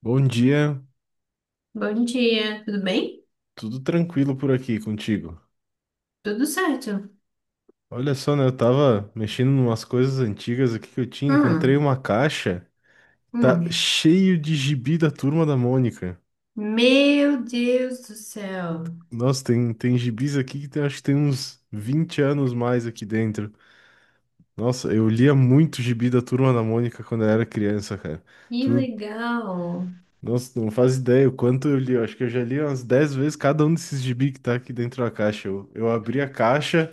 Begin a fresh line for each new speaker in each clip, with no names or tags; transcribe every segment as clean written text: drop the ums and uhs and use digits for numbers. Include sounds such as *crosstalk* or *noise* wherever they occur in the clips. Bom dia,
Bom dia, tudo bem?
tudo tranquilo por aqui contigo.
Tudo certo.
Olha só, né? Eu tava mexendo em umas coisas antigas aqui que eu tinha, encontrei
Hum,
uma caixa, tá
hum.
cheio de gibi da Turma da Mônica.
Meu Deus do céu,
Nossa, tem gibis aqui acho que tem uns 20 anos mais aqui dentro. Nossa, eu lia muito gibi da Turma da Mônica quando eu era criança, cara.
que
Tu,
legal.
Nossa, não faz ideia o quanto eu li. Eu acho que eu já li umas 10 vezes cada um desses gibi que tá aqui dentro da caixa. Eu abri a caixa.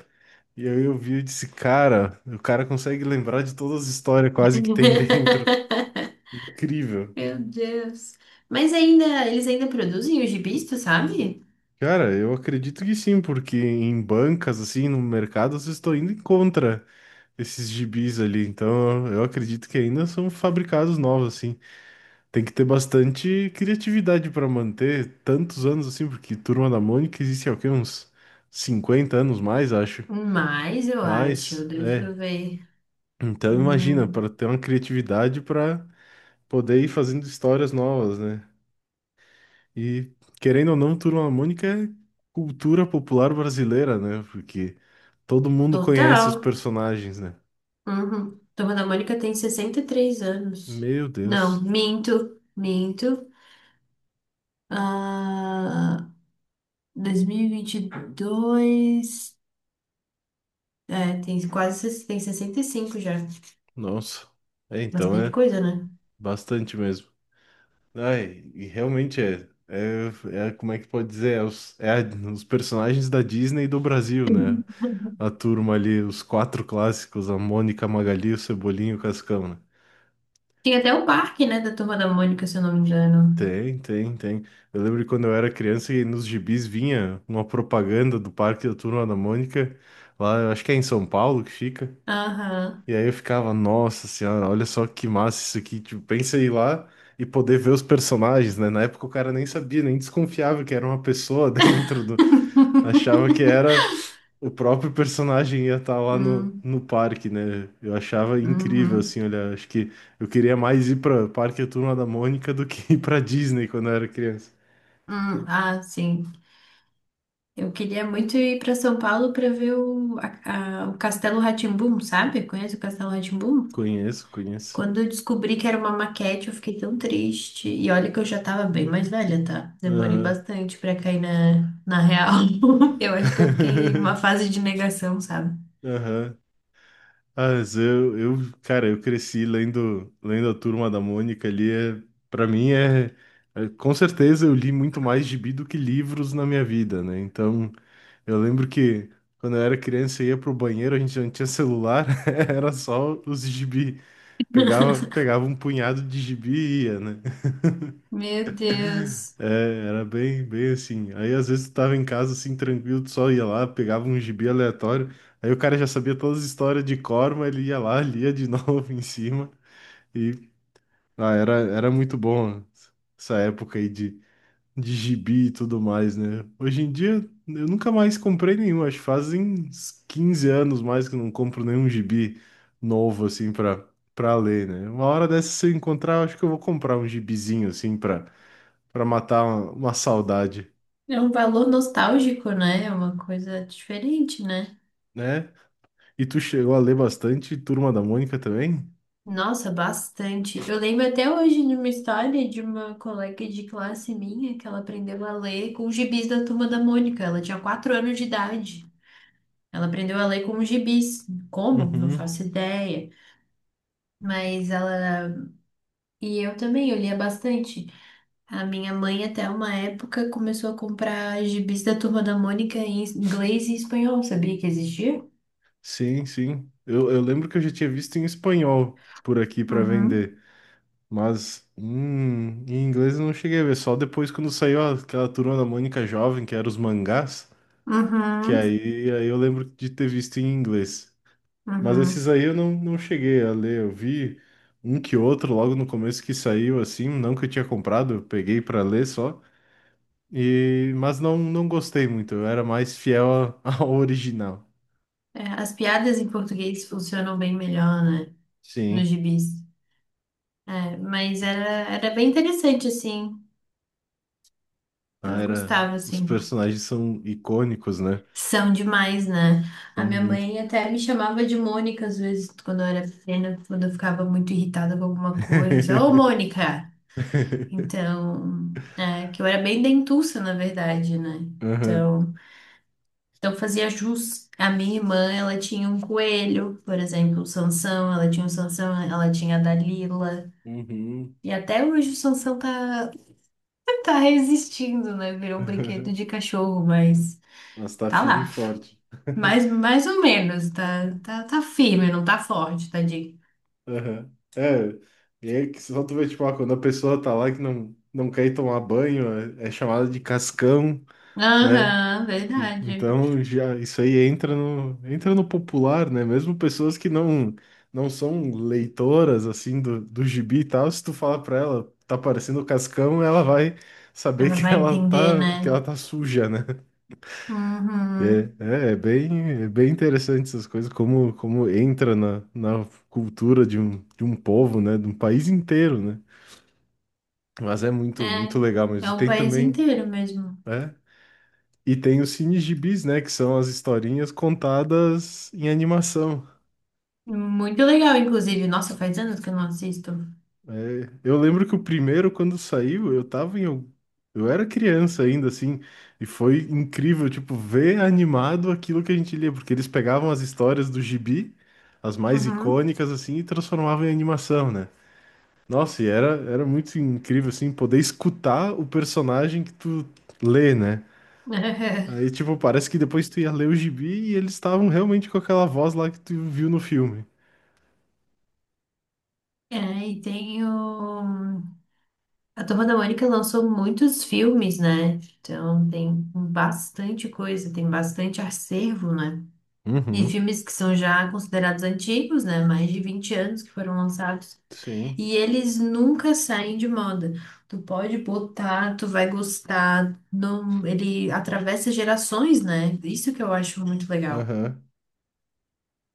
E aí eu vi e disse, cara, o cara consegue lembrar de todas as histórias quase que tem *laughs* dentro.
*laughs*
Incrível.
Meu Deus. Mas ainda, eles ainda produzem os gibis, tu sabe?
Cara, eu acredito que sim, porque em bancas, assim, no mercado, vocês estão indo em contra esses gibis ali. Então, eu acredito que ainda são fabricados novos, assim. Tem que ter bastante criatividade para manter tantos anos, assim, porque Turma da Mônica existe há o quê? Uns 50 anos mais, acho.
Mas eu acho,
Mas,
deixa
é.
eu ver.
Então, imagina,
Hum,
para ter uma criatividade para poder ir fazendo histórias novas, né? E querendo ou não, Turma da Mônica é cultura popular brasileira, né? Porque todo mundo conhece os
total.
personagens, né?
Uhum. Turma da Mônica tem 63 anos.
Meu
Não,
Deus,
minto, minto. Ah, dois mil e vinte e dois. É, tem quase, tem 65 já.
nossa. É, então
Bastante
é
coisa, né?
bastante mesmo. Ai, e realmente é. É, como é que pode dizer? É, os personagens da Disney e do Brasil, né?
*laughs*
A turma ali, os quatro clássicos, a Mônica, a Magali, o Cebolinha e o Cascão, né?
Tem até o parque, né, da Turma da Mônica, se eu não me engano.
Tem, tem, tem. Eu lembro que quando eu era criança e nos gibis vinha uma propaganda do Parque da Turma da Mônica, lá, eu acho que é em São Paulo que fica.
Aham.
E aí eu ficava, nossa senhora, olha só que massa isso aqui. Tipo, pensa em ir lá e poder ver os personagens, né? Na época o cara nem sabia, nem desconfiava que era uma pessoa *laughs* dentro do. Achava que era o próprio personagem ia estar lá no,
Hum,
no parque, né? Eu achava incrível, assim,
uhum,
olha, acho que eu queria mais ir para Parque A Turma da Mônica do que *laughs* ir para Disney quando eu era criança.
hum. Ah, sim. Eu queria muito ir para São Paulo para ver o, o Castelo rá, sabe? Conhece o Castelo rá?
Conheço, conheço.
Quando eu descobri que era uma maquete, eu fiquei tão triste. E olha que eu já tava bem mais velha, tá? Demorei
Aham.
bastante para cair na real. *laughs* Eu acho que eu fiquei numa
*laughs*
fase de negação, sabe?
Aham. Ah, mas eu, cara, eu cresci lendo, lendo a Turma da Mônica ali. É, para mim com certeza eu li muito mais gibi do que livros na minha vida, né? Então, eu lembro que quando eu era criança eu ia pro banheiro, a gente não tinha celular, *laughs* era só os gibi. Pegava,
*laughs*
pegava um punhado de gibi e ia, né?
Meu Deus.
É, era bem, bem assim. Aí às vezes tu tava em casa assim, tranquilo, tu só ia lá, pegava um gibi aleatório. Aí o cara já sabia todas as histórias de cor, mas ele ia lá, lia de *laughs* novo em cima. E ah, era muito bom essa época aí de gibi e tudo mais, né? Hoje em dia eu nunca mais comprei nenhum, acho que fazem uns 15 anos mais que eu não compro nenhum gibi novo assim pra ler, né? Uma hora dessa se eu encontrar, eu acho que eu vou comprar um gibizinho assim pra matar uma saudade.
É um valor nostálgico, né? É uma coisa diferente, né?
Né? E tu chegou a ler bastante Turma da Mônica também?
Nossa, bastante. Eu lembro até hoje de uma história de uma colega de classe minha que ela aprendeu a ler com os gibis da Turma da Mônica. Ela tinha 4 anos de idade. Ela aprendeu a ler com os gibis. Como? Não
Uhum.
faço ideia. Mas ela. E eu também, eu lia bastante. A minha mãe, até uma época, começou a comprar gibis da Turma da Mônica em inglês e espanhol. Sabia que existia?
Sim, sim. Eu lembro que eu já tinha visto em espanhol por aqui para
Uhum.
vender, mas em inglês eu não cheguei a ver, só depois quando saiu aquela Turma da Mônica jovem, que era os mangás, que
Uhum,
aí eu lembro de ter visto em inglês. Mas esses
uhum.
aí eu não cheguei a ler, eu vi um que outro logo no começo que saiu assim, não que eu tinha comprado, eu peguei para ler só. Mas não gostei muito, eu era mais fiel *laughs* ao original.
É, as piadas em português funcionam bem melhor, né?
Sim,
Nos gibis. É, mas era, era bem interessante, assim.
ah,
Eu gostava,
os
assim.
personagens são icônicos, né?
São demais, né?
São
A minha
muito.
mãe até me chamava de Mônica, às vezes, quando eu era pequena, quando eu ficava muito irritada com alguma coisa. Só, ô,
*laughs*
Mônica! Então, é, que eu era bem dentuça, na verdade, né?
Aham.
Então, então fazia jus. A minha irmã, ela tinha um coelho, por exemplo, o Sansão, ela tinha o Sansão, ela tinha a Dalila.
Uhum.
E até hoje o Sansão tá, *laughs* tá resistindo, né? Virou um brinquedo
Aham.
de cachorro, mas
Mas tá
tá
firme e
lá.
forte.
Mais,
*laughs*
mais ou menos, tá firme, não tá forte, tadinho.
Aham. É, e é que só tu vê, tipo, ah, quando a pessoa tá lá que não quer ir tomar banho, é chamada de cascão. Né?
Aham, verdade.
Então já isso aí entra no popular, né? Mesmo pessoas que não são leitoras assim do gibi e tal, se tu falar pra ela, tá parecendo o Cascão, ela vai saber
Ela
que
vai
ela
entender,
tá que
né?
ela tá suja, né?
Uhum.
É, é, é bem interessante essas coisas como entra na cultura de um povo, né? De um país inteiro, né? Mas é muito muito
É,
legal,
é
mas
o
tem
país
também,
inteiro mesmo.
né? E tem os cinegibis, né? Que são as historinhas contadas em animação.
Muito legal, inclusive. Nossa, faz anos que eu não assisto.
É, eu lembro que o primeiro, quando saiu, eu tava eu era criança ainda, assim, e foi incrível, tipo, ver animado aquilo que a gente lia, porque eles pegavam as histórias do gibi, as mais
Uhum.
icônicas, assim, e transformavam em animação, né? Nossa, e era muito incrível, assim, poder escutar o personagem que tu lê, né?
*laughs*
Aí, tipo, parece que depois tu ia ler o gibi e eles estavam realmente com aquela voz lá que tu viu no filme.
É, e tem o... A Turma da Mônica lançou muitos filmes, né? Então tem bastante coisa, tem bastante acervo, né? E
Uhum.
filmes que são já considerados antigos, né? Mais de 20 anos que foram lançados.
Sim.
E eles nunca saem de moda. Tu pode botar, tu vai gostar. Não... Ele atravessa gerações, né? Isso que eu acho muito legal.
Aham.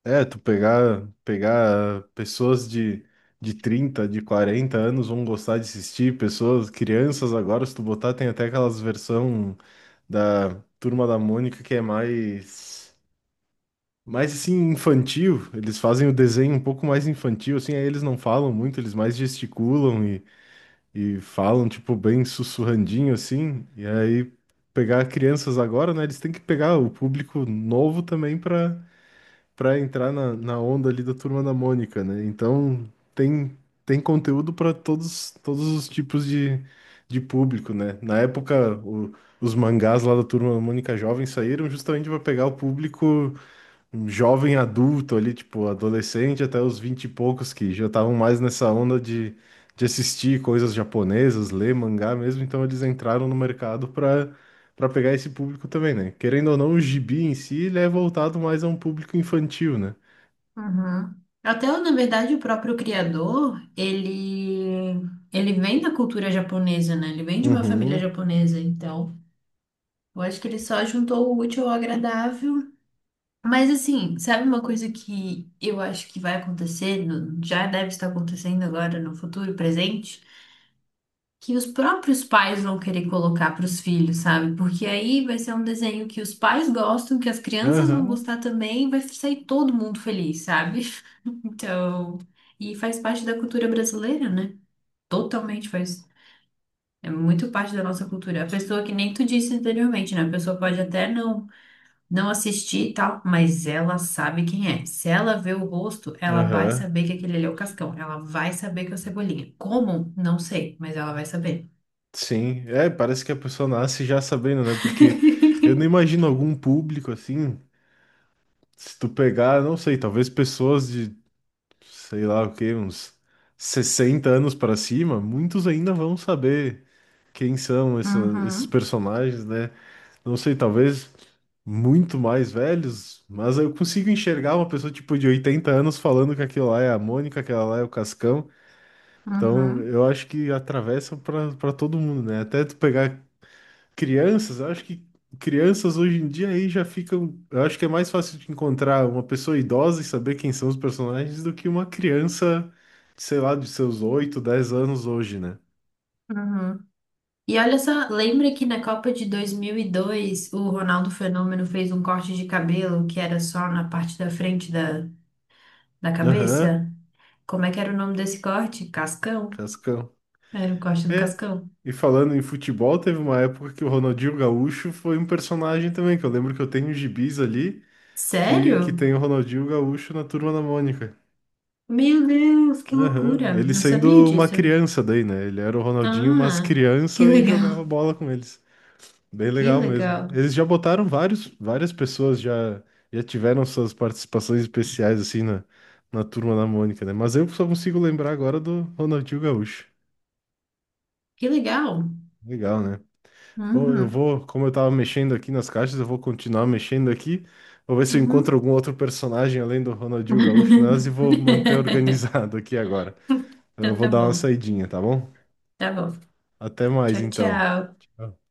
É, tu pegar pessoas de 30 de 40 anos vão gostar de assistir, pessoas, crianças agora, se tu botar, tem até aquelas versão da Turma da Mônica que é mais assim, infantil. Eles fazem o desenho um pouco mais infantil, assim, aí eles não falam muito, eles mais gesticulam e falam, tipo, bem sussurrandinho assim, e aí pegar crianças agora, né? Eles têm que pegar o público novo também para entrar na onda ali da Turma da Mônica, né? Então tem, tem conteúdo para todos, todos os tipos de público, né? Na época, os mangás lá da Turma da Mônica Jovem saíram justamente para pegar o público um jovem adulto ali, tipo, adolescente até os 20 e poucos que já estavam mais nessa onda de assistir coisas japonesas, ler mangá mesmo, então eles entraram no mercado para pegar esse público também, né? Querendo ou não, o gibi em si, ele é voltado mais a um público infantil, né?
Uhum. Até, na verdade, o próprio criador, ele vem da cultura japonesa, né? Ele vem de uma família
Uhum,
japonesa, então eu acho que ele só juntou o útil ao agradável. Mas, assim, sabe uma coisa que eu acho que vai acontecer, já deve estar acontecendo agora no futuro presente, que os próprios pais vão querer colocar para os filhos, sabe? Porque aí vai ser um desenho que os pais gostam, que as crianças vão
aham,
gostar também, e vai sair todo mundo feliz, sabe? Então, e faz parte da cultura brasileira, né? Totalmente faz, é muito parte da nossa cultura. A pessoa que nem tu disse anteriormente, né? A pessoa pode até não assistir e tal, mas ela sabe quem é. Se ela vê o rosto, ela vai
aham.
saber que aquele ali é o Cascão. Ela vai saber que é o Cebolinha. Como? Não sei, mas ela vai saber.
Sim, é, parece que a pessoa nasce já sabendo, né? Porque eu não
*laughs*
imagino algum público assim, se tu pegar, não sei, talvez pessoas de sei lá o quê, uns 60 anos para cima, muitos ainda vão saber quem são esses
Uhum,
personagens, né? Não sei, talvez muito mais velhos, mas eu consigo enxergar uma pessoa tipo de 80 anos falando que aquilo lá é a Mônica, aquela lá é o Cascão. Então,
uhum,
eu acho que atravessa para todo mundo, né? Até tu pegar Crianças, Eu acho que crianças hoje em dia aí já ficam. Eu acho que é mais fácil de encontrar uma pessoa idosa e saber quem são os personagens do que uma criança, sei lá, de seus 8, 10 anos hoje, né?
uhum. E olha só, lembra que na Copa de 2002 o Ronaldo Fenômeno fez um corte de cabelo que era só na parte da frente da
Aham,
cabeça? Como é que era o nome desse corte? Cascão.
Cascão.
Era o corte do
É.
Cascão.
E falando em futebol, teve uma época que o Ronaldinho Gaúcho foi um personagem também, que eu lembro que eu tenho gibis ali que
Sério?
tem o Ronaldinho Gaúcho na Turma da Mônica.
Meu Deus, que
Aham,
loucura!
ele
Não sabia
sendo uma
disso.
criança daí, né? Ele era o Ronaldinho, mas
Ah, que
criança e
legal,
jogava bola com eles. Bem
que
legal mesmo.
legal,
Eles já botaram vários, várias pessoas já tiveram suas participações especiais assim na turma da Mônica, né? Mas eu só consigo lembrar agora do Ronaldinho Gaúcho.
que legal.
Legal, né? Bom, eu
Uhum,
vou, como eu tava mexendo aqui nas caixas, eu vou continuar mexendo aqui. Vou ver se eu encontro
uhum.
algum outro personagem além do Ronaldinho Gaúcho nelas e vou manter *laughs*
*laughs*
organizado aqui agora. Então, eu
Então
vou
tá
dar uma
bom,
saidinha, tá bom?
tá bom.
Até mais
Tchau,
então.
tchau.
Tchau.